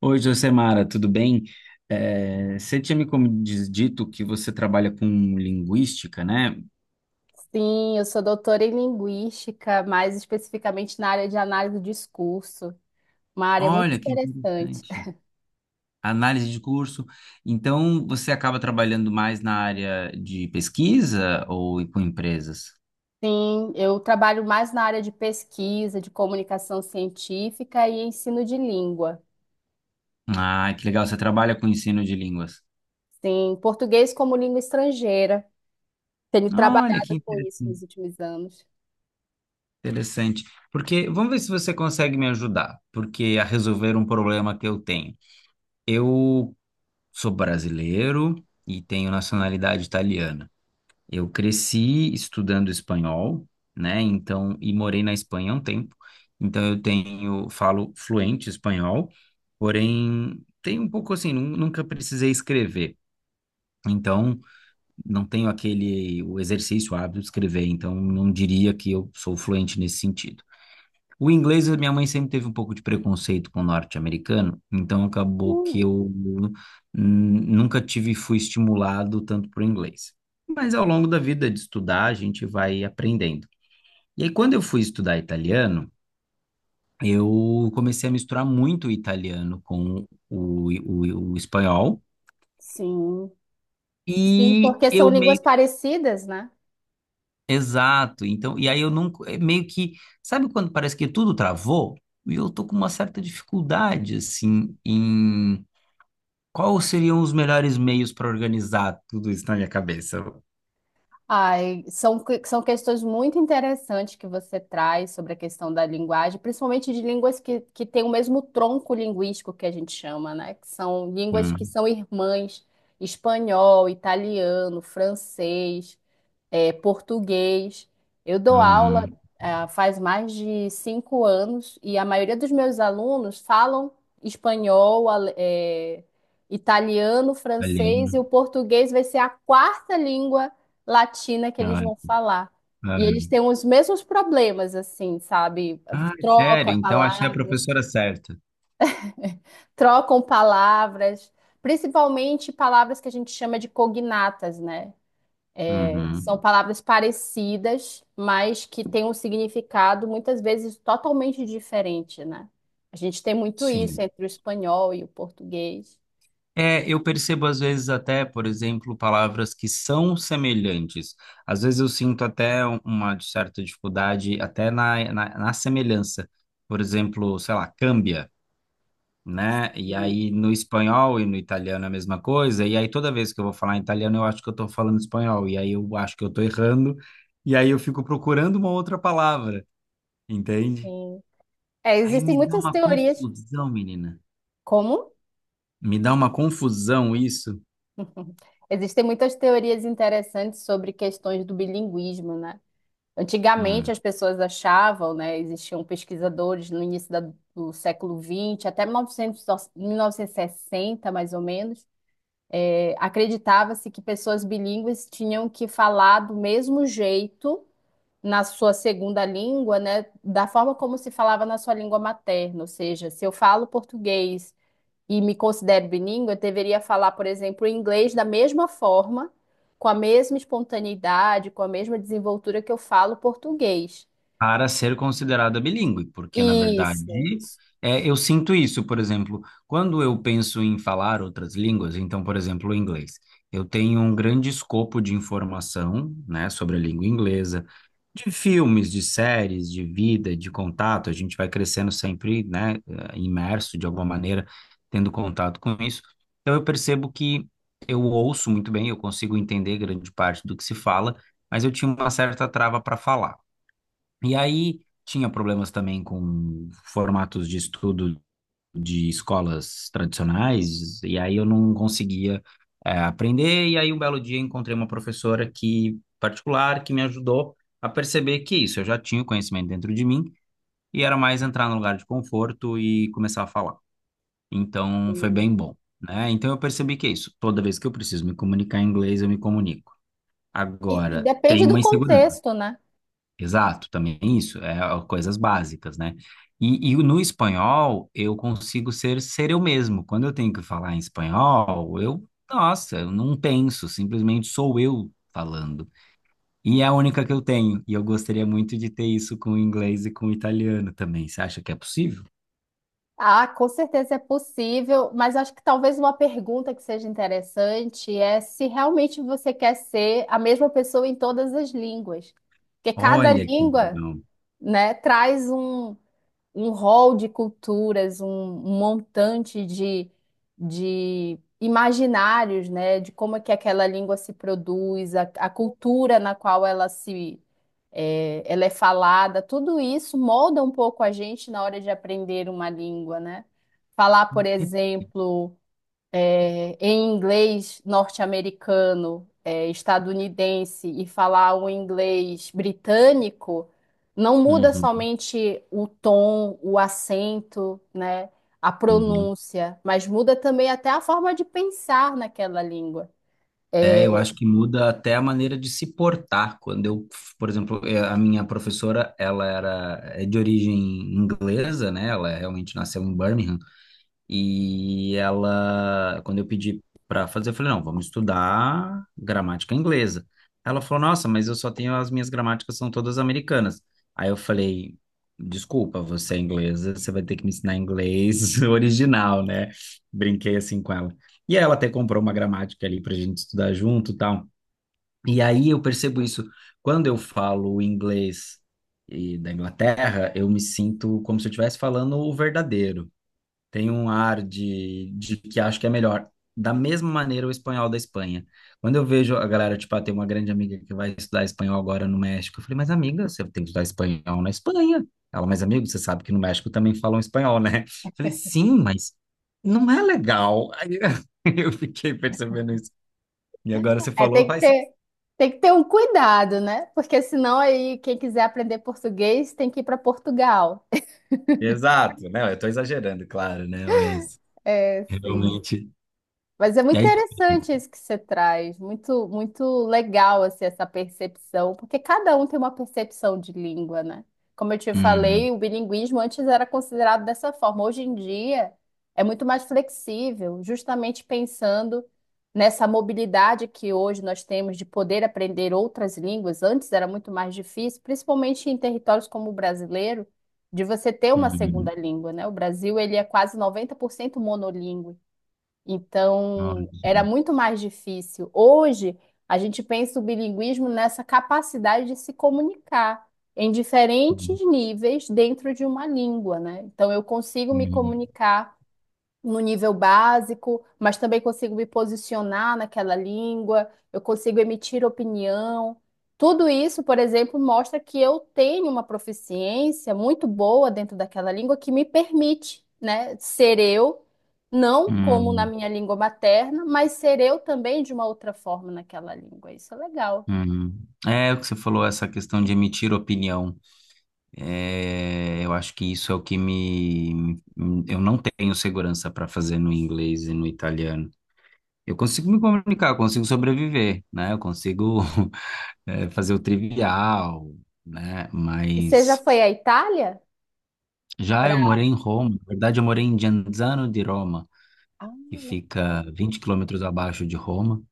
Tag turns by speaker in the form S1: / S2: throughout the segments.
S1: Oi, Josemara, tudo bem? Você tinha me dito que você trabalha com linguística, né?
S2: Sim, eu sou doutora em linguística, mais especificamente na área de análise do discurso, uma área muito
S1: Olha, que
S2: interessante.
S1: interessante. Análise de curso. Então, você acaba trabalhando mais na área de pesquisa ou com empresas?
S2: Sim, eu trabalho mais na área de pesquisa, de comunicação científica e ensino de língua.
S1: Ah, que legal, você trabalha com ensino de línguas.
S2: Sim, português como língua estrangeira. Tenho
S1: Olha, que
S2: trabalhado com isso nos
S1: interessante.
S2: últimos anos.
S1: Interessante. Porque, vamos ver se você consegue me ajudar, porque a resolver um problema que eu tenho. Eu sou brasileiro e tenho nacionalidade italiana. Eu cresci estudando espanhol, né? Então, e morei na Espanha há um tempo. Então, eu tenho, falo fluente espanhol, porém, tem um pouco assim, nunca precisei escrever. Então, não tenho aquele, o exercício, o hábito de escrever. Então, não diria que eu sou fluente nesse sentido. O inglês, a minha mãe sempre teve um pouco de preconceito com o norte-americano, então acabou que
S2: Hum,
S1: eu nunca tive, fui estimulado tanto por inglês. Mas ao longo da vida de estudar, a gente vai aprendendo. E aí, quando eu fui estudar italiano, eu comecei a misturar muito o italiano com o espanhol,
S2: sim, sim,
S1: e
S2: porque são
S1: eu
S2: línguas
S1: meio.
S2: parecidas, né?
S1: Exato, então, e aí eu nunca, é meio que, sabe quando parece que tudo travou? E eu tô com uma certa dificuldade, assim, em quais seriam os melhores meios para organizar tudo isso na minha cabeça?
S2: Ai, são questões muito interessantes que você traz sobre a questão da linguagem, principalmente de línguas que têm o mesmo tronco linguístico que a gente chama, né? Que são línguas que
S1: Hum,
S2: são irmãs, espanhol, italiano, francês, português. Eu dou aula,
S1: uhum,
S2: ah, faz mais de 5 anos e a maioria dos meus alunos falam espanhol, italiano, francês e o
S1: olhei.
S2: português vai ser a quarta língua latina que eles
S1: Ah,
S2: vão falar. E eles
S1: uhum.
S2: têm os mesmos problemas, assim, sabe?
S1: Ah, sério?
S2: Trocam
S1: Então achei a
S2: palavras,
S1: professora certa.
S2: trocam palavras, principalmente palavras que a gente chama de cognatas, né? São
S1: Uhum,
S2: palavras parecidas, mas que têm um significado muitas vezes totalmente diferente, né? A gente tem muito isso
S1: sim.
S2: entre o espanhol e o português.
S1: É, eu percebo às vezes até, por exemplo, palavras que são semelhantes. Às vezes eu sinto até uma certa dificuldade até na semelhança. Por exemplo, sei lá, câmbia, né? E
S2: E,
S1: aí no espanhol e no italiano é a mesma coisa, e aí toda vez que eu vou falar em italiano eu acho que eu tô falando espanhol, e aí eu acho que eu tô errando, e aí eu fico procurando uma outra palavra, entende?
S2: sim. É,
S1: Aí
S2: existem
S1: me dá
S2: muitas
S1: uma
S2: teorias.
S1: confusão, menina.
S2: Como?
S1: Me dá uma confusão isso.
S2: Existem muitas teorias interessantes sobre questões do bilinguismo, né? Antigamente as
S1: Hum.
S2: pessoas achavam, né? Existiam pesquisadores no início do século XX, até 1900, 1960, mais ou menos. Acreditava-se que pessoas bilíngues tinham que falar do mesmo jeito na sua segunda língua, né, da forma como se falava na sua língua materna. Ou seja, se eu falo português e me considero bilíngue, eu deveria falar, por exemplo, inglês da mesma forma, com a mesma espontaneidade, com a mesma desenvoltura que eu falo português.
S1: Para ser considerada bilíngue, porque na
S2: Isso.
S1: verdade é, eu sinto isso, por exemplo, quando eu penso em falar outras línguas, então, por exemplo, o inglês, eu tenho um grande escopo de informação, né, sobre a língua inglesa, de filmes, de séries, de vida, de contato, a gente vai crescendo sempre, né, imerso de alguma maneira, tendo contato com isso. Então eu percebo que eu ouço muito bem, eu consigo entender grande parte do que se fala, mas eu tinha uma certa trava para falar. E aí tinha problemas também com formatos de estudo de escolas tradicionais, e aí eu não conseguia, aprender. E aí um belo dia encontrei uma professora que particular que me ajudou a perceber que isso, eu já tinha o conhecimento dentro de mim e era mais entrar no lugar de conforto e começar a falar. Então foi bem bom, né? Então eu percebi que é isso. Toda vez que eu preciso me comunicar em inglês, eu me comunico.
S2: E
S1: Agora, tem
S2: depende do
S1: uma insegurança.
S2: contexto, né?
S1: Exato, também é isso, é ó, coisas básicas, né? E no espanhol eu consigo ser eu mesmo. Quando eu tenho que falar em espanhol, eu, nossa, eu não penso, simplesmente sou eu falando. E é a única que eu tenho, e eu gostaria muito de ter isso com o inglês e com o italiano também. Você acha que é possível?
S2: Ah, com certeza é possível, mas acho que talvez uma pergunta que seja interessante é se realmente você quer ser a mesma pessoa em todas as línguas. Porque cada
S1: Olha que
S2: língua,
S1: legal.
S2: né, traz um rol de culturas, um montante de imaginários, né, de como é que aquela língua se produz, a cultura na qual ela se é, ela é falada, tudo isso molda um pouco a gente na hora de aprender uma língua, né? Falar, por exemplo, em inglês norte-americano, estadunidense e falar o inglês britânico, não muda
S1: Uhum,
S2: somente o tom, o acento, né, a
S1: uhum.
S2: pronúncia, mas muda também até a forma de pensar naquela língua.
S1: É, eu
S2: É,
S1: acho que muda até a maneira de se portar. Quando eu, por exemplo, a minha professora, ela era é de origem inglesa, né? Ela realmente nasceu em Birmingham. E ela, quando eu pedi para fazer, eu falei, não, vamos estudar gramática inglesa. Ela falou, nossa, mas eu só tenho as minhas gramáticas são todas americanas. Aí eu falei, desculpa, você é inglesa, você vai ter que me ensinar inglês original, né? Brinquei assim com ela. E aí ela até comprou uma gramática ali pra gente estudar junto, e tal. E aí eu percebo isso quando eu falo inglês e da Inglaterra, eu me sinto como se eu estivesse falando o verdadeiro, tem um ar de que acho que é melhor. Da mesma maneira, o espanhol da Espanha. Quando eu vejo a galera, tipo, ah, tem uma grande amiga que vai estudar espanhol agora no México, eu falei, mas amiga, você tem que estudar espanhol na Espanha. Ela, mas amigo, você sabe que no México também falam espanhol, né? Eu falei, sim, mas não é legal. Aí eu fiquei percebendo isso. E agora você
S2: é,
S1: falou,
S2: tem que
S1: faz sentido.
S2: ter, tem que ter um cuidado, né? Porque senão aí quem quiser aprender português tem que ir para Portugal.
S1: Exato, né? Eu tô exagerando, claro, né? Mas
S2: É, sim.
S1: realmente.
S2: Mas é muito
S1: É... difícil.
S2: interessante isso que você traz, muito muito legal assim, essa percepção, porque cada um tem uma percepção de língua, né? Como eu te
S1: Hum,
S2: falei, o bilinguismo antes era considerado dessa forma. Hoje em dia é muito mais flexível, justamente pensando nessa mobilidade que hoje nós temos de poder aprender outras línguas. Antes era muito mais difícil, principalmente em territórios como o brasileiro, de você ter uma
S1: hum,
S2: segunda língua, né? O Brasil ele é quase 90% monolíngue.
S1: nossa.
S2: Então, era muito mais difícil. Hoje, a gente pensa o bilinguismo nessa capacidade de se comunicar em diferentes
S1: Hum,
S2: níveis dentro de uma língua, né? Então, eu consigo me
S1: hum, hum.
S2: comunicar no nível básico, mas também consigo me posicionar naquela língua, eu consigo emitir opinião. Tudo isso, por exemplo, mostra que eu tenho uma proficiência muito boa dentro daquela língua que me permite, né, ser eu, não como na
S1: Hum,
S2: minha língua materna, mas ser eu também de uma outra forma naquela língua. Isso é legal.
S1: É o que você falou, essa questão de emitir opinião. É, eu acho que isso é o que me. Eu não tenho segurança para fazer no inglês e no italiano. Eu consigo me comunicar, eu consigo sobreviver, né? Eu consigo fazer o trivial, né?
S2: E você já
S1: Mas
S2: foi à Itália
S1: já
S2: para
S1: eu morei em Roma, na verdade, eu morei em Genzano di Roma,
S2: Ah,
S1: que fica
S2: legal.
S1: 20 km abaixo de Roma.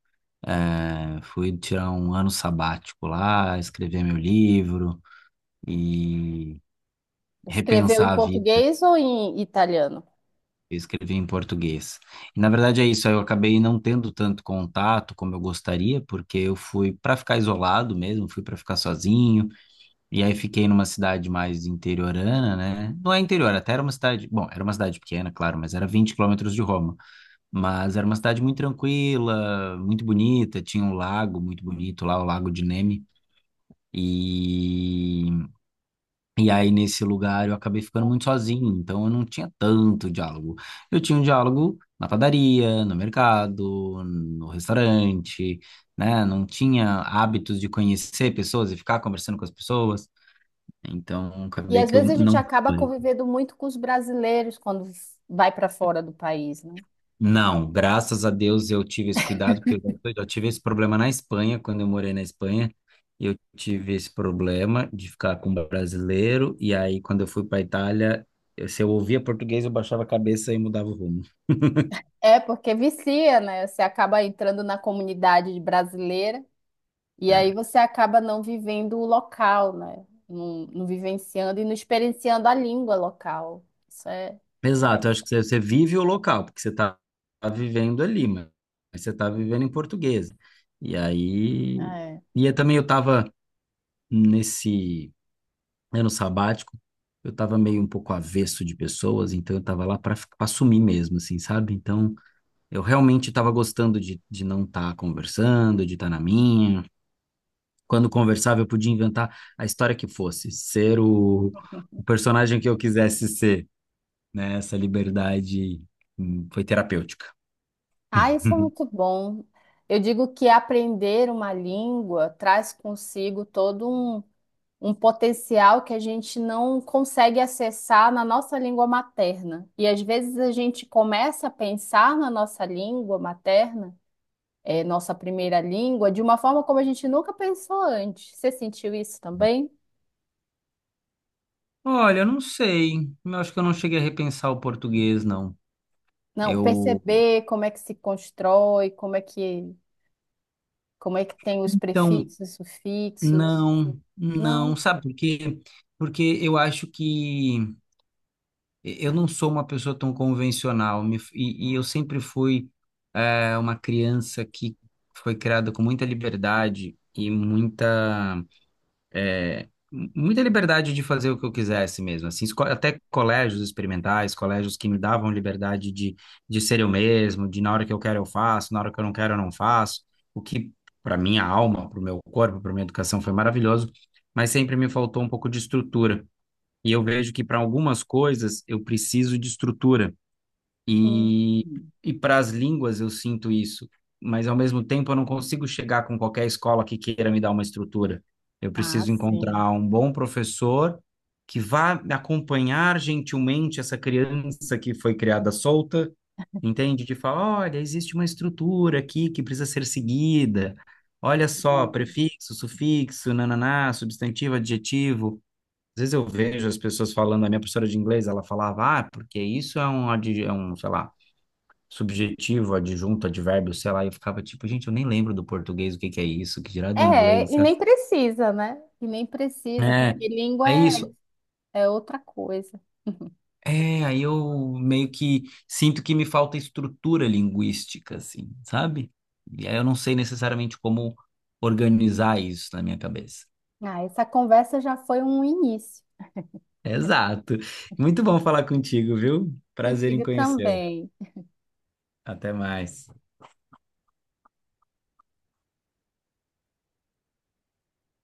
S1: É, fui tirar um ano sabático lá, escrever meu livro e
S2: Escrever em
S1: repensar a vida.
S2: português ou em italiano?
S1: Eu escrevi em português. E, na verdade é isso, eu acabei não tendo tanto contato como eu gostaria, porque eu fui para ficar isolado mesmo, fui para ficar sozinho, e aí fiquei numa cidade mais interiorana, né? Não é interior, até era uma cidade, bom, era uma cidade pequena, claro, mas era 20 km de Roma, mas era uma cidade muito tranquila, muito bonita, tinha um lago muito bonito lá, o Lago de Nemi, e E aí, nesse lugar, eu acabei ficando muito sozinho, então eu não tinha tanto diálogo. Eu tinha um diálogo na padaria, no mercado, no restaurante, né? Não tinha hábitos de conhecer pessoas e ficar conversando com as pessoas. Então,
S2: E
S1: acabei
S2: às
S1: que eu
S2: vezes a gente
S1: não
S2: acaba
S1: fui.
S2: convivendo muito com os brasileiros quando vai para fora do país, né?
S1: Não, graças a Deus eu tive esse cuidado, porque eu tive esse problema na Espanha, quando eu morei na Espanha, eu tive esse problema de ficar com brasileiro, e aí quando eu fui para Itália, se eu ouvia português, eu baixava a cabeça e mudava o rumo.
S2: É, porque vicia, né? Você acaba entrando na comunidade brasileira e aí
S1: É.
S2: você acaba não vivendo o local, né? Não, não vivenciando e não experienciando a língua local. Isso é,
S1: Exato, eu acho que você vive o local, porque você está vivendo ali, mas você está vivendo em português. E aí,
S2: é.
S1: e eu também eu estava nesse ano sabático, eu tava meio um pouco avesso de pessoas, então eu tava lá para sumir mesmo, assim, sabe? Então eu realmente tava gostando de não estar conversando, de estar na minha. Quando conversava, eu podia inventar a história que fosse, ser o personagem que eu quisesse ser, né? Essa liberdade foi terapêutica.
S2: Ah, isso é muito bom. Eu digo que aprender uma língua traz consigo todo um potencial que a gente não consegue acessar na nossa língua materna. E às vezes a gente começa a pensar na nossa língua materna, nossa primeira língua, de uma forma como a gente nunca pensou antes. Você sentiu isso também?
S1: Olha, eu não sei. Eu acho que eu não cheguei a repensar o português, não.
S2: Não,
S1: Eu.
S2: perceber como é que se constrói, como é que, tem os
S1: Então,
S2: prefixos, sufixos.
S1: não, não,
S2: Não.
S1: sabe por quê? Porque eu acho que eu não sou uma pessoa tão convencional e eu sempre fui uma criança que foi criada com muita liberdade e muita é, muita liberdade de fazer o que eu quisesse mesmo, assim, até colégios experimentais, colégios que me davam liberdade de ser eu mesmo, de na hora que eu quero eu faço, na hora que eu não quero eu não faço, o que para minha alma, para o meu corpo, para minha educação foi maravilhoso, mas sempre me faltou um pouco de estrutura. E eu vejo que para algumas coisas eu preciso de estrutura.
S2: Hum.
S1: E, e para as línguas eu sinto isso, mas ao mesmo tempo eu não consigo chegar com qualquer escola que queira me dar uma estrutura. Eu
S2: Ah,
S1: preciso
S2: sim.
S1: encontrar um bom professor que vá acompanhar gentilmente essa criança que foi criada solta, entende? De falar, olha, existe uma estrutura aqui que precisa ser seguida. Olha só, prefixo, sufixo, nananá, substantivo, adjetivo. Às vezes eu vejo as pessoas falando, a minha professora de inglês, ela falava, ah, porque isso é um, um, sei lá, subjetivo, adjunto, advérbio, sei lá, e eu ficava tipo, gente, eu nem lembro do português o que que é isso, que dirá do
S2: É,
S1: inglês,
S2: e
S1: sabe?
S2: nem precisa, né? E nem precisa,
S1: É,
S2: porque língua
S1: é
S2: é
S1: isso.
S2: é outra coisa.
S1: É, aí eu meio que sinto que me falta estrutura linguística, assim, sabe? E aí eu não sei necessariamente como organizar isso na minha cabeça.
S2: Ah, essa conversa já foi um início
S1: Exato. Muito bom falar contigo, viu? Prazer em
S2: contigo
S1: conhecê-lo.
S2: também.
S1: Até mais.